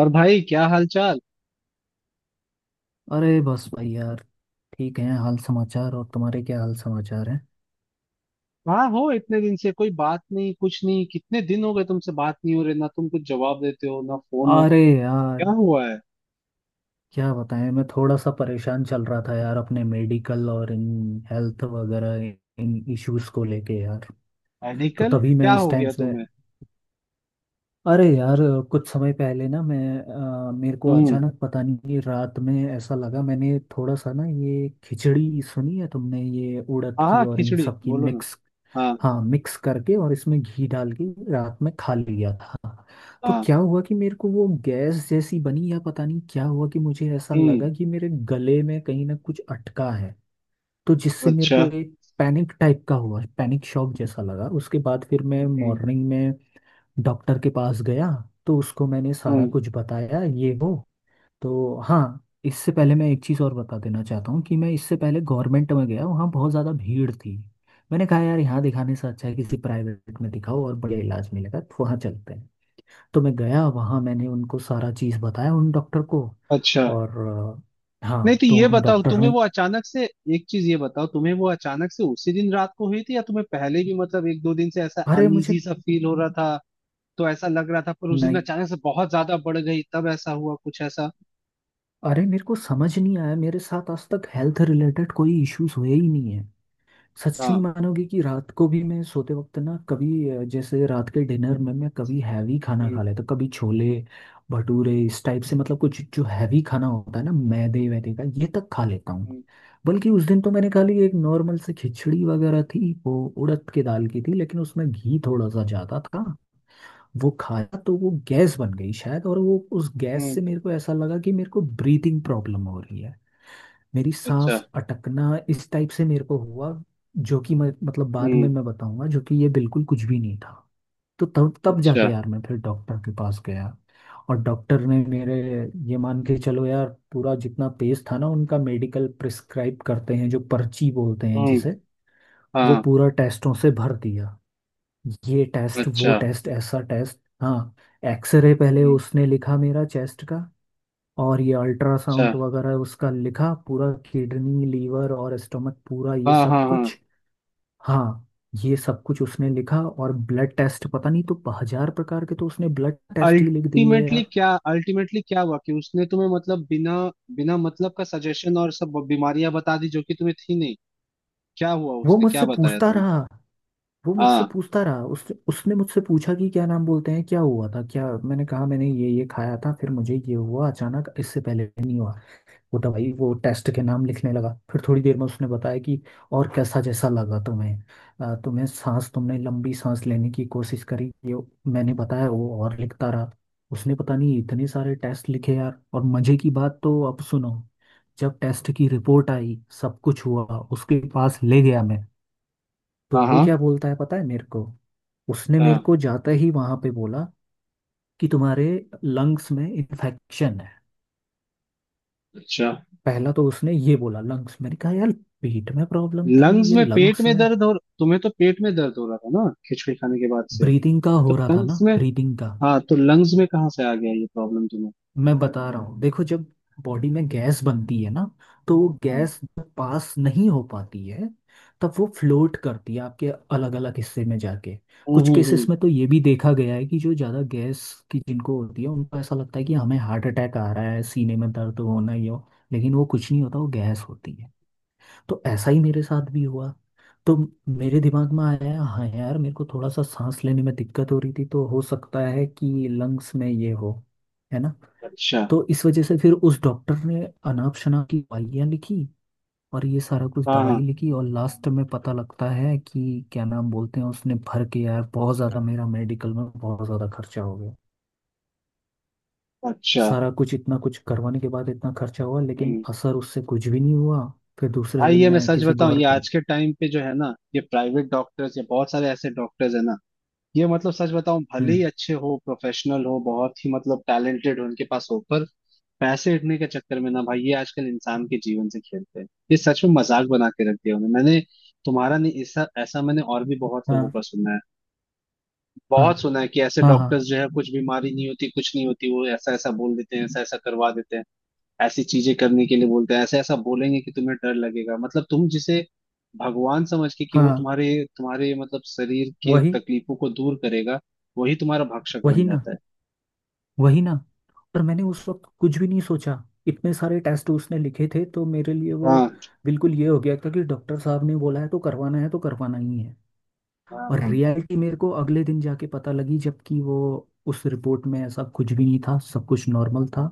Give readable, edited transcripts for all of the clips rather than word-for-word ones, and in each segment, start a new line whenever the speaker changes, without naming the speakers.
और भाई, क्या हाल चाल?
अरे बस भाई यार। ठीक है हाल समाचार। और तुम्हारे क्या हाल समाचार हैं।
कहाँ हो, इतने दिन से कोई बात नहीं, कुछ नहीं। कितने दिन हो गए तुमसे बात नहीं हो रही, ना तुम कुछ जवाब देते हो ना फोन हो।
अरे यार
क्या हुआ है?
क्या बताएं, मैं थोड़ा सा परेशान चल रहा था यार, अपने मेडिकल और इन हेल्थ वगैरह इन इश्यूज को लेके यार। तो
मेडिकल
तभी मैं
क्या
इस
हो
टाइम
गया
से,
तुम्हें?
अरे यार कुछ समय पहले ना मैं, मेरे को
हम्म।
अचानक पता नहीं कि रात में ऐसा लगा, मैंने थोड़ा सा ना, ये खिचड़ी सुनी है तुमने, ये उड़द
हाँ
की
हाँ,
और इन
खिचड़ी
सब की
बोलो ना।
मिक्स।
हाँ।
हाँ मिक्स करके और इसमें घी डाल के रात में खा लिया था। तो
हाँ।
क्या हुआ कि मेरे को वो गैस जैसी बनी या पता नहीं क्या हुआ कि मुझे ऐसा
हम्म।
लगा कि मेरे गले में कहीं ना कुछ अटका है। तो जिससे मेरे
अच्छा।
को एक पैनिक टाइप का हुआ, पैनिक शॉक जैसा लगा। उसके बाद फिर मैं
हम्म।
मॉर्निंग में डॉक्टर के पास गया। तो उसको मैंने सारा
हम्म,
कुछ बताया ये वो। तो हाँ इससे पहले मैं एक चीज़ और बता देना चाहता हूँ कि मैं इससे पहले गवर्नमेंट में गया, वहाँ बहुत ज़्यादा भीड़ थी। मैंने कहा यार यहाँ दिखाने से अच्छा है किसी प्राइवेट में दिखाओ और बढ़िया इलाज मिलेगा, तो वहाँ चलते हैं। तो मैं गया वहाँ, मैंने उनको सारा चीज़ बताया उन डॉक्टर को।
अच्छा।
और
नहीं,
हाँ
तो
तो
ये
उन
बताओ
डॉक्टर
तुम्हें
ने,
वो अचानक से, एक चीज ये बताओ, तुम्हें वो अचानक से उसी दिन रात को हुई थी, या तुम्हें पहले भी मतलब एक दो दिन से ऐसा
अरे मुझे,
अनईजी सा फील हो रहा था, तो ऐसा लग रहा था, पर उस दिन
नहीं
अचानक से बहुत ज्यादा बढ़ गई तब ऐसा हुआ? कुछ ऐसा?
अरे मेरे को समझ नहीं आया, मेरे साथ आज तक हेल्थ रिलेटेड कोई इश्यूज हुए ही नहीं है। सच नहीं
हाँ।
मानोगे कि रात को भी मैं सोते वक्त ना कभी, जैसे रात के डिनर में मैं कभी हैवी खाना
हम्म।
खा लेता, कभी छोले भटूरे इस टाइप से, मतलब कुछ जो हैवी खाना होता है ना मैदे वैदे का ये तक खा लेता हूँ।
हम्म।
बल्कि उस दिन तो मैंने खा ली, एक नॉर्मल से खिचड़ी वगैरह थी, वो उड़द के दाल की थी, लेकिन उसमें घी थोड़ा सा ज़्यादा था। वो खाया तो वो गैस बन गई शायद, और वो उस गैस
हम्म,
से मेरे को ऐसा लगा कि मेरे को ब्रीथिंग प्रॉब्लम हो रही है। मेरी
अच्छा।
सांस अटकना इस टाइप से मेरे को हुआ। जो कि मैं, मतलब बाद में
हम्म।
मैं बताऊंगा, जो कि ये बिल्कुल कुछ भी नहीं था। तो तब तब
अच्छा।
जाके यार मैं फिर डॉक्टर के पास गया। और डॉक्टर ने मेरे, ये मान के चलो यार पूरा जितना पेज था ना, उनका मेडिकल प्रिस्क्राइब करते हैं जो पर्ची बोलते हैं
हम्म।
जिसे, वो
हाँ।
पूरा टेस्टों से भर दिया। ये टेस्ट वो
अच्छा।
टेस्ट ऐसा टेस्ट, हाँ एक्सरे पहले
हम्म।
उसने लिखा मेरा चेस्ट का। और ये
अच्छा।
अल्ट्रासाउंड वगैरह उसका लिखा, पूरा किडनी लीवर और स्टमक पूरा ये
हाँ
सब
हाँ हाँ।
कुछ। हाँ ये सब कुछ उसने लिखा और ब्लड टेस्ट पता नहीं तो हजार प्रकार के, तो उसने ब्लड टेस्ट ही लिख दिए
अल्टीमेटली
यार।
क्या, अल्टीमेटली क्या हुआ कि उसने तुम्हें मतलब बिना, बिना मतलब का सजेशन और सब बीमारियां बता दी जो कि तुम्हें थी नहीं। क्या हुआ,
वो
उसने क्या
मुझसे
बताया
पूछता
तुम?
रहा, वो मुझसे
हाँ।
पूछता रहा। उसने मुझसे पूछा कि क्या नाम बोलते हैं, क्या हुआ था क्या। मैंने कहा मैंने ये खाया था, फिर मुझे ये हुआ अचानाक, इससे पहले नहीं हुआ। वो दवाई वो टेस्ट के नाम लिखने लगा। फिर थोड़ी देर में उसने बताया कि, और कैसा जैसा लगा तुम्हें, तुम्हें सांस, तुमने लंबी सांस लेने की कोशिश करी ये। मैंने बताया, वो और लिखता रहा। उसने पता नहीं इतने सारे टेस्ट लिखे यार। और मजे की बात तो अब सुनो, जब टेस्ट की रिपोर्ट आई सब कुछ हुआ, उसके पास ले गया मैं, तो
हाँ
वो
हाँ।
क्या बोलता है पता है मेरे को। उसने मेरे
हाँ।
को जाते ही वहां पे बोला कि तुम्हारे लंग्स में इन्फेक्शन है।
अच्छा।
पहला तो उसने ये बोला लंग्स। मैंने कहा यार पेट में प्रॉब्लम थी,
लंग्स
ये
में? पेट
लंग्स
में
में।
दर्द हो, तुम्हें तो पेट में दर्द हो रहा था ना खिचड़ी खाने के बाद से।
ब्रीदिंग का
तो
हो रहा था ना,
लंग्स में?
ब्रीदिंग का।
हाँ, तो लंग्स में कहाँ से आ गया ये प्रॉब्लम तुम्हें?
मैं बता रहा हूँ देखो, जब बॉडी में गैस बनती है ना, तो वो
हम्म।
गैस जब पास नहीं हो पाती है, तब वो फ्लोट करती है आपके अलग अलग हिस्से में जाके।
हम्म
कुछ
हम्म,
केसेस
हम्म।
में तो ये भी देखा गया है कि जो ज़्यादा गैस की जिनको होती है, उनको ऐसा लगता है कि हमें हार्ट अटैक आ रहा है, सीने में दर्द होना ही हो। लेकिन वो कुछ नहीं होता, वो गैस होती है। तो ऐसा ही मेरे साथ भी हुआ। तो मेरे दिमाग में आया, हाँ यार मेरे को थोड़ा सा सांस लेने में दिक्कत हो रही थी, तो हो सकता है कि लंग्स में ये हो, है ना।
अच्छा।
तो इस वजह से फिर उस डॉक्टर ने अनाप शनाप की दवाइयाँ लिखी, और ये सारा कुछ
हाँ
दवाई
हाँ।
लिखी। और लास्ट में पता लगता है कि, क्या नाम बोलते हैं, उसने भर के यार बहुत ज़्यादा, मेरा मेडिकल में बहुत ज़्यादा खर्चा हो गया।
अच्छा।
सारा कुछ इतना कुछ करवाने के बाद इतना खर्चा हुआ, लेकिन
हम्म।
असर उससे कुछ भी नहीं हुआ। फिर दूसरे
भाई
दिन
ये मैं
मैं
सच
किसी
बताऊं, ये
गौर,
आज के टाइम पे जो है ना, ये प्राइवेट डॉक्टर्स या बहुत सारे ऐसे डॉक्टर्स है ना, ये मतलब सच बताऊं, भले
हम्म।
ही अच्छे हो, प्रोफेशनल हो, बहुत ही मतलब टैलेंटेड हो उनके पास हो, पर पैसे इतने के चक्कर में ना भाई, ये आजकल इंसान के जीवन से खेलते हैं। ये सच में मजाक बना के रख दिया उन्होंने। मैंने, तुम्हारा नहीं, ऐसा ऐसा मैंने और भी बहुत लोगों
हाँ
का सुना है।
हाँ
बहुत सुना है कि ऐसे
हाँ, हाँ
डॉक्टर्स जो है, कुछ बीमारी नहीं होती, कुछ नहीं होती, वो ऐसा ऐसा बोल देते हैं, ऐसा ऐसा करवा देते हैं, ऐसी चीजें करने के लिए बोलते हैं। ऐसा ऐसा बोलेंगे कि तुम्हें डर लगेगा, मतलब तुम जिसे भगवान समझ के कि वो
हाँ,
तुम्हारे, तुम्हारे मतलब शरीर के
वही,
तकलीफों को दूर करेगा, वही तुम्हारा भक्षक बन
वही ना,
जाता है।
वही ना। पर मैंने उस वक्त कुछ भी नहीं सोचा। इतने सारे टेस्ट उसने लिखे थे तो मेरे लिए वो
हाँ
बिल्कुल ये हो गया था कि डॉक्टर साहब ने बोला है तो करवाना है, तो करवाना ही है।
हाँ।
और
हाँ
रियलिटी मेरे को अगले दिन जाके पता लगी, जबकि वो उस रिपोर्ट में ऐसा कुछ भी नहीं था, सब कुछ नॉर्मल था।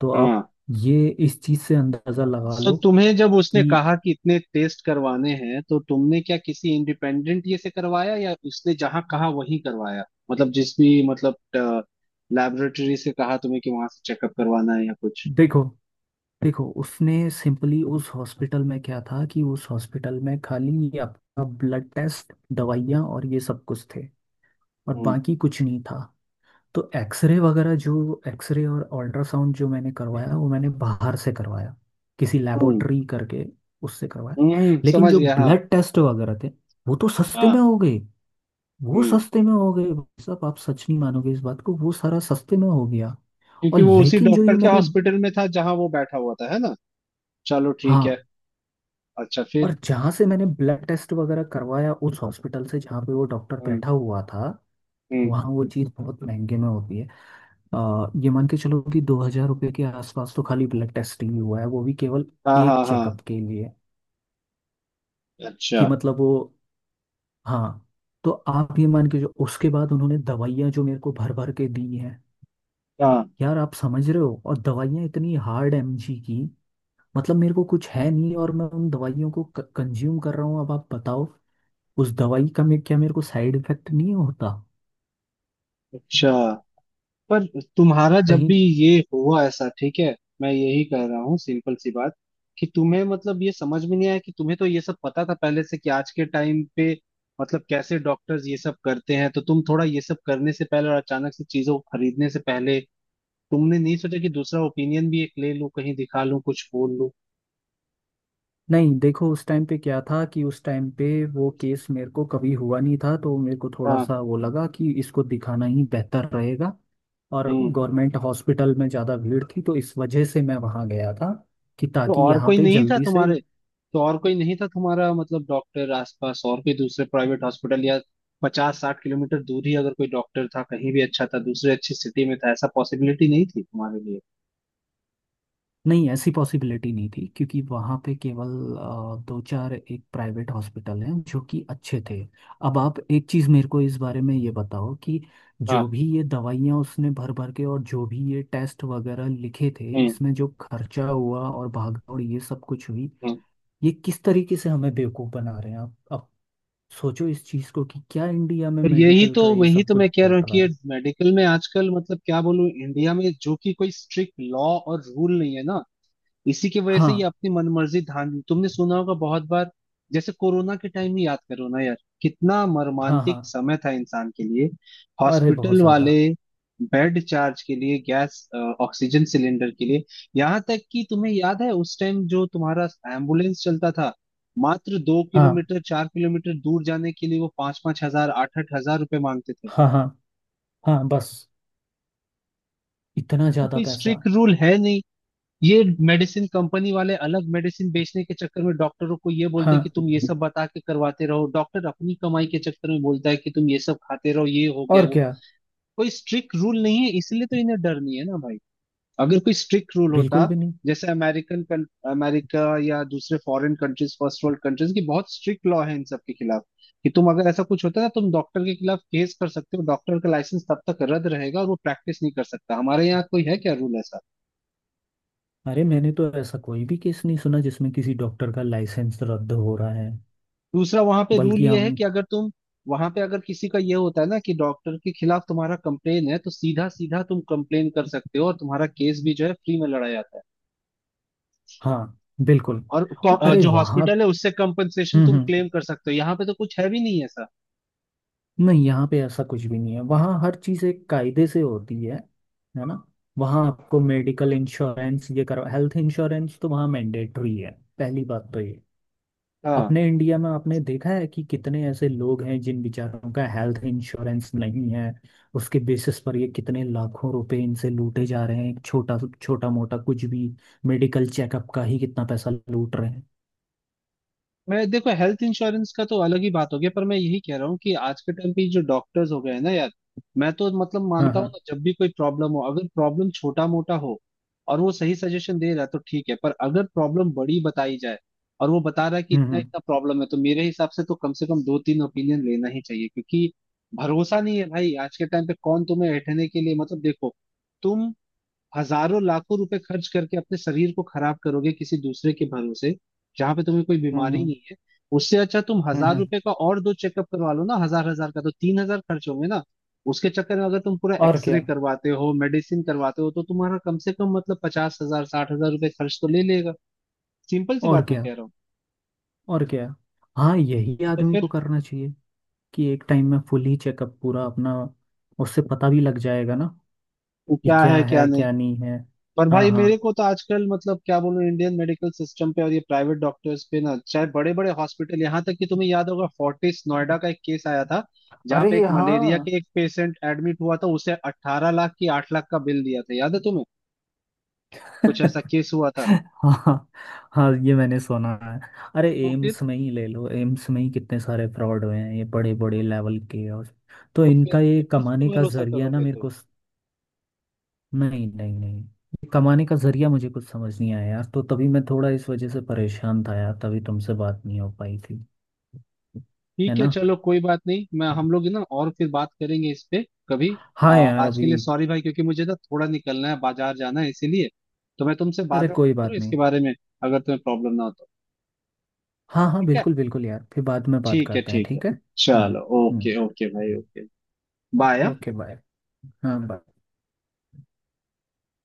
तो
हाँ।
आप ये इस चीज़ से अंदाज़ा लगा
तो
लो
तुम्हें जब उसने
कि,
कहा कि इतने टेस्ट करवाने हैं, तो तुमने क्या किसी इंडिपेंडेंट ये से करवाया, या उसने जहाँ कहा वहीं करवाया? मतलब जिस भी मतलब लैबोरेटरी से कहा तुम्हें कि वहां से चेकअप करवाना है या कुछ?
देखो, देखो उसने सिंपली उस हॉस्पिटल में क्या था कि, उस हॉस्पिटल में खाली ये आपका ब्लड टेस्ट, दवाइयाँ और ये सब कुछ थे, और
हम्म।
बाकी कुछ नहीं था। तो एक्सरे वगैरह जो एक्सरे और अल्ट्रासाउंड जो मैंने करवाया वो मैंने बाहर से करवाया, किसी
हम्म।
लेबोरेटरी करके, उससे करवाया। लेकिन
समझ
जो
गया, हाँ।
ब्लड टेस्ट वगैरह थे, वो तो सस्ते में
हाँ।
हो गए। वो
हम्म।
सस्ते में हो गए। भाई साहब आप सच नहीं मानोगे इस बात को, वो सारा सस्ते में हो गया। और
क्योंकि वो उसी
लेकिन जो ये
डॉक्टर के
मैंने,
हॉस्पिटल में था जहां वो बैठा हुआ था, है ना? चलो ठीक
हाँ
है। अच्छा,
और
फिर?
जहाँ से मैंने ब्लड टेस्ट वगैरह करवाया, उस हॉस्पिटल से जहाँ पे वो डॉक्टर
हम्म।
बैठा हुआ था,
हम्म।
वहाँ वो चीज़ बहुत महंगे में होती है। ये मान के चलो कि 2000 रुपये के आसपास तो खाली ब्लड टेस्ट ही हुआ है, वो भी केवल
हाँ
एक
हाँ हाँ।
चेकअप के लिए
अच्छा।
कि, मतलब वो, हाँ। तो आप ये मान के, जो उसके बाद उन्होंने दवाइयाँ जो मेरे को भर भर के दी हैं
हाँ।
यार, आप समझ रहे हो। और दवाइयाँ इतनी हार्ड एमजी की, मतलब मेरे को कुछ है नहीं और मैं उन दवाइयों को कंज्यूम कर रहा हूँ। अब आप बताओ, उस दवाई का मे क्या मेरे को साइड इफेक्ट नहीं होता
अच्छा। पर तुम्हारा जब
कहीं।
भी ये हुआ ऐसा, ठीक है। मैं यही कह रहा हूँ, सिंपल सी बात, कि तुम्हें मतलब ये समझ में नहीं आया कि तुम्हें तो ये सब पता था पहले से कि आज के टाइम पे मतलब कैसे डॉक्टर्स ये सब करते हैं, तो तुम थोड़ा ये सब करने से पहले और अचानक से चीजों को खरीदने से पहले तुमने नहीं सोचा कि दूसरा ओपिनियन भी एक ले लूं, कहीं दिखा लूं, कुछ बोल लूं?
नहीं देखो उस टाइम पे क्या था कि, उस टाइम पे वो केस मेरे को कभी हुआ नहीं था, तो मेरे को थोड़ा
हाँ।
सा वो लगा कि इसको दिखाना ही बेहतर रहेगा। और
हम्म।
गवर्नमेंट हॉस्पिटल में ज़्यादा भीड़ थी, तो इस वजह से मैं वहाँ गया था कि
तो
ताकि
और
यहाँ
कोई
पे
नहीं था
जल्दी से।
तुम्हारे, तो और कोई नहीं था तुम्हारा मतलब डॉक्टर आसपास? और कोई दूसरे प्राइवेट हॉस्पिटल या 50-60 किलोमीटर दूर ही अगर कोई डॉक्टर था कहीं भी अच्छा था, दूसरे अच्छी सिटी में था, ऐसा पॉसिबिलिटी नहीं थी तुम्हारे लिए?
नहीं ऐसी पॉसिबिलिटी नहीं थी, क्योंकि वहाँ पे केवल दो चार एक प्राइवेट हॉस्पिटल हैं जो कि अच्छे थे। अब आप एक चीज़ मेरे को इस बारे में ये बताओ कि, जो
हाँ।
भी ये दवाइयाँ उसने भर भर के, और जो भी ये टेस्ट वगैरह लिखे थे,
हम्म।
इसमें जो खर्चा हुआ और भागदौड़ ये सब कुछ हुई,
हम्म।
ये किस तरीके से हमें बेवकूफ़ बना रहे हैं। आप अब सोचो इस चीज़ को कि क्या इंडिया में
तो यही
मेडिकल
तो,
का ये
वही
सब
तो
कुछ
मैं कह
चल
रहा हूँ
रहा
कि
है।
मेडिकल में आजकल मतलब क्या बोलूं, इंडिया में जो कि कोई स्ट्रिक्ट लॉ और रूल नहीं है ना, इसी की वजह से ये
हाँ
अपनी मनमर्जी धान तुमने सुना होगा बहुत बार। जैसे कोरोना के टाइम ही याद करो ना यार, कितना
हाँ
मर्मांतिक
हाँ।
समय था इंसान के लिए।
अरे बहुत
हॉस्पिटल
ज़्यादा।
वाले बेड चार्ज के लिए, गैस ऑक्सीजन सिलेंडर के लिए, यहाँ तक कि तुम्हें याद है उस टाइम जो तुम्हारा एम्बुलेंस चलता था मात्र दो
हाँ
किलोमीटर चार किलोमीटर दूर जाने के लिए वो पांच पांच हजार आठ आठ हजार रुपए मांगते थे।
हाँ, हाँ, हाँ बस इतना
तो
ज्यादा
कोई
पैसा।
स्ट्रिक्ट रूल है नहीं, ये मेडिसिन कंपनी वाले अलग मेडिसिन बेचने के चक्कर में डॉक्टरों को ये बोलते हैं कि
हाँ
तुम ये सब बता के करवाते रहो, डॉक्टर अपनी कमाई के चक्कर में बोलता है कि तुम ये सब खाते रहो, ये हो गया
और
वो।
क्या।
कोई स्ट्रिक्ट रूल नहीं है इसलिए तो इन्हें डर नहीं है ना भाई। अगर कोई स्ट्रिक्ट रूल होता,
बिल्कुल भी नहीं।
जैसे अमेरिकन, अमेरिका या दूसरे foreign countries, first world countries की बहुत स्ट्रिक्ट लॉ है इन सब के खिलाफ कि तुम अगर ऐसा कुछ होता है ना, तुम डॉक्टर के खिलाफ केस कर सकते हो, डॉक्टर का लाइसेंस तब तक रद्द रहेगा और वो प्रैक्टिस नहीं कर सकता। हमारे यहाँ कोई है क्या रूल ऐसा?
अरे मैंने तो ऐसा कोई भी केस नहीं सुना जिसमें किसी डॉक्टर का लाइसेंस रद्द हो रहा है।
दूसरा वहां पे रूल
बल्कि
ये
हम,
है कि अगर तुम, वहां पे अगर किसी का ये होता है ना कि डॉक्टर के खिलाफ तुम्हारा कंप्लेन है, तो सीधा सीधा तुम कंप्लेन कर सकते हो और तुम्हारा केस भी जो है फ्री में लड़ा जाता है।
हाँ बिल्कुल।
और
अरे
जो
वहाँ,
हॉस्पिटल है उससे कंपनसेशन तुम
हम्म,
क्लेम कर सकते हो, यहाँ पे तो कुछ है भी नहीं ऐसा।
नहीं यहाँ पे ऐसा कुछ भी नहीं है। वहाँ हर चीज़ एक कायदे से होती है ना। वहाँ आपको मेडिकल इंश्योरेंस ये करो, हेल्थ इंश्योरेंस तो वहाँ मैंडेटरी है, पहली बात तो ये।
हाँ।
अपने इंडिया में आपने देखा है कि कितने ऐसे लोग हैं जिन बेचारों का हेल्थ इंश्योरेंस नहीं है। उसके बेसिस पर ये कितने लाखों रुपए इनसे लूटे जा रहे हैं, एक छोटा छोटा मोटा कुछ भी मेडिकल चेकअप का ही कितना पैसा लूट रहे हैं।
मैं देखो हेल्थ इंश्योरेंस का तो अलग ही बात हो गया, पर मैं यही कह रहा हूँ कि आज के टाइम पे जो डॉक्टर्स हो गए हैं ना यार, मैं तो मतलब
हाँ
मानता हूँ
हाँ।
ना, जब भी कोई प्रॉब्लम हो, अगर प्रॉब्लम छोटा मोटा हो और वो सही सजेशन दे रहा है तो ठीक है, पर अगर प्रॉब्लम बड़ी बताई जाए और वो बता रहा है कि इतना
हम्म।
इतना प्रॉब्लम है, तो मेरे हिसाब से तो कम से कम दो तीन ओपिनियन लेना ही चाहिए, क्योंकि भरोसा नहीं है भाई आज के टाइम पे, कौन तुम्हें ऐठने के लिए, मतलब देखो, तुम हजारों लाखों रुपए खर्च करके अपने शरीर को खराब करोगे किसी दूसरे के भरोसे, जहां पे तुम्हें कोई बीमारी
हम्म
नहीं है। उससे अच्छा तुम
हम्म।
हजार रुपए का और दो चेकअप करवा लो ना, हजार हजार का तो 3 हजार खर्च होंगे ना। उसके चक्कर में अगर तुम पूरा
और
एक्सरे
क्या,
करवाते हो, मेडिसिन करवाते हो, तो तुम्हारा कम से कम मतलब 50-60 हजार रुपए खर्च तो ले लेगा। सिंपल सी
और
बात मैं
क्या,
कह रहा हूँ।
और क्या। हाँ यही
तो
आदमी
फिर,
को करना चाहिए, कि एक टाइम में फुल ही चेकअप पूरा अपना, उससे पता भी लग जाएगा ना कि
क्या
क्या
है क्या
है
नहीं।
क्या नहीं है।
पर
हाँ
भाई
हाँ,
मेरे को तो आजकल मतलब क्या बोलूं, इंडियन मेडिकल सिस्टम पे और ये प्राइवेट डॉक्टर्स पे ना, चाहे बड़े बड़े हॉस्पिटल, यहाँ तक कि तुम्हें याद होगा फोर्टिस नोएडा का एक केस आया था जहाँ
अरे
पे एक
हाँ।
मलेरिया के एक पेशेंट एडमिट हुआ था, उसे 18 लाख की 8 लाख का बिल दिया था, याद है तुम्हें? कुछ ऐसा केस हुआ था।
हाँ, हाँ ये मैंने सुना है। अरे
तो फिर
एम्स में ही ले लो, एम्स में ही कितने सारे फ्रॉड हुए हैं ये बड़े बड़े लेवल के। और तो
तो फिर
इनका ये
तो किस पे
कमाने का
भरोसा
जरिया ना
करोगे
मेरे
तुम?
को नहीं नहीं नहीं, ये कमाने का जरिया मुझे कुछ समझ नहीं आया यार, तो तभी मैं थोड़ा इस वजह से परेशान था यार, तभी तुमसे बात नहीं हो पाई थी। है
ठीक है
ना।
चलो, कोई बात नहीं। मैं हम लोग ना और फिर बात करेंगे इस पे कभी।
हाँ यार
आज के
अभी।
लिए सॉरी भाई, क्योंकि मुझे ना थोड़ा निकलना है, बाजार जाना है, इसीलिए तो मैं तुमसे बाद
अरे
में बात
कोई
करूँ
बात नहीं।
इसके बारे में, अगर तुम्हें प्रॉब्लम ना हो तो।
हाँ हाँ
ठीक है।
बिल्कुल बिल्कुल यार, फिर बाद में बात
ठीक है,
करते हैं,
ठीक है।
ठीक है। हाँ
चलो,
हम्म।
ओके ओके भाई,
हम्म,
ओके। बाय, हाँ?
Okay bye. हाँ bye।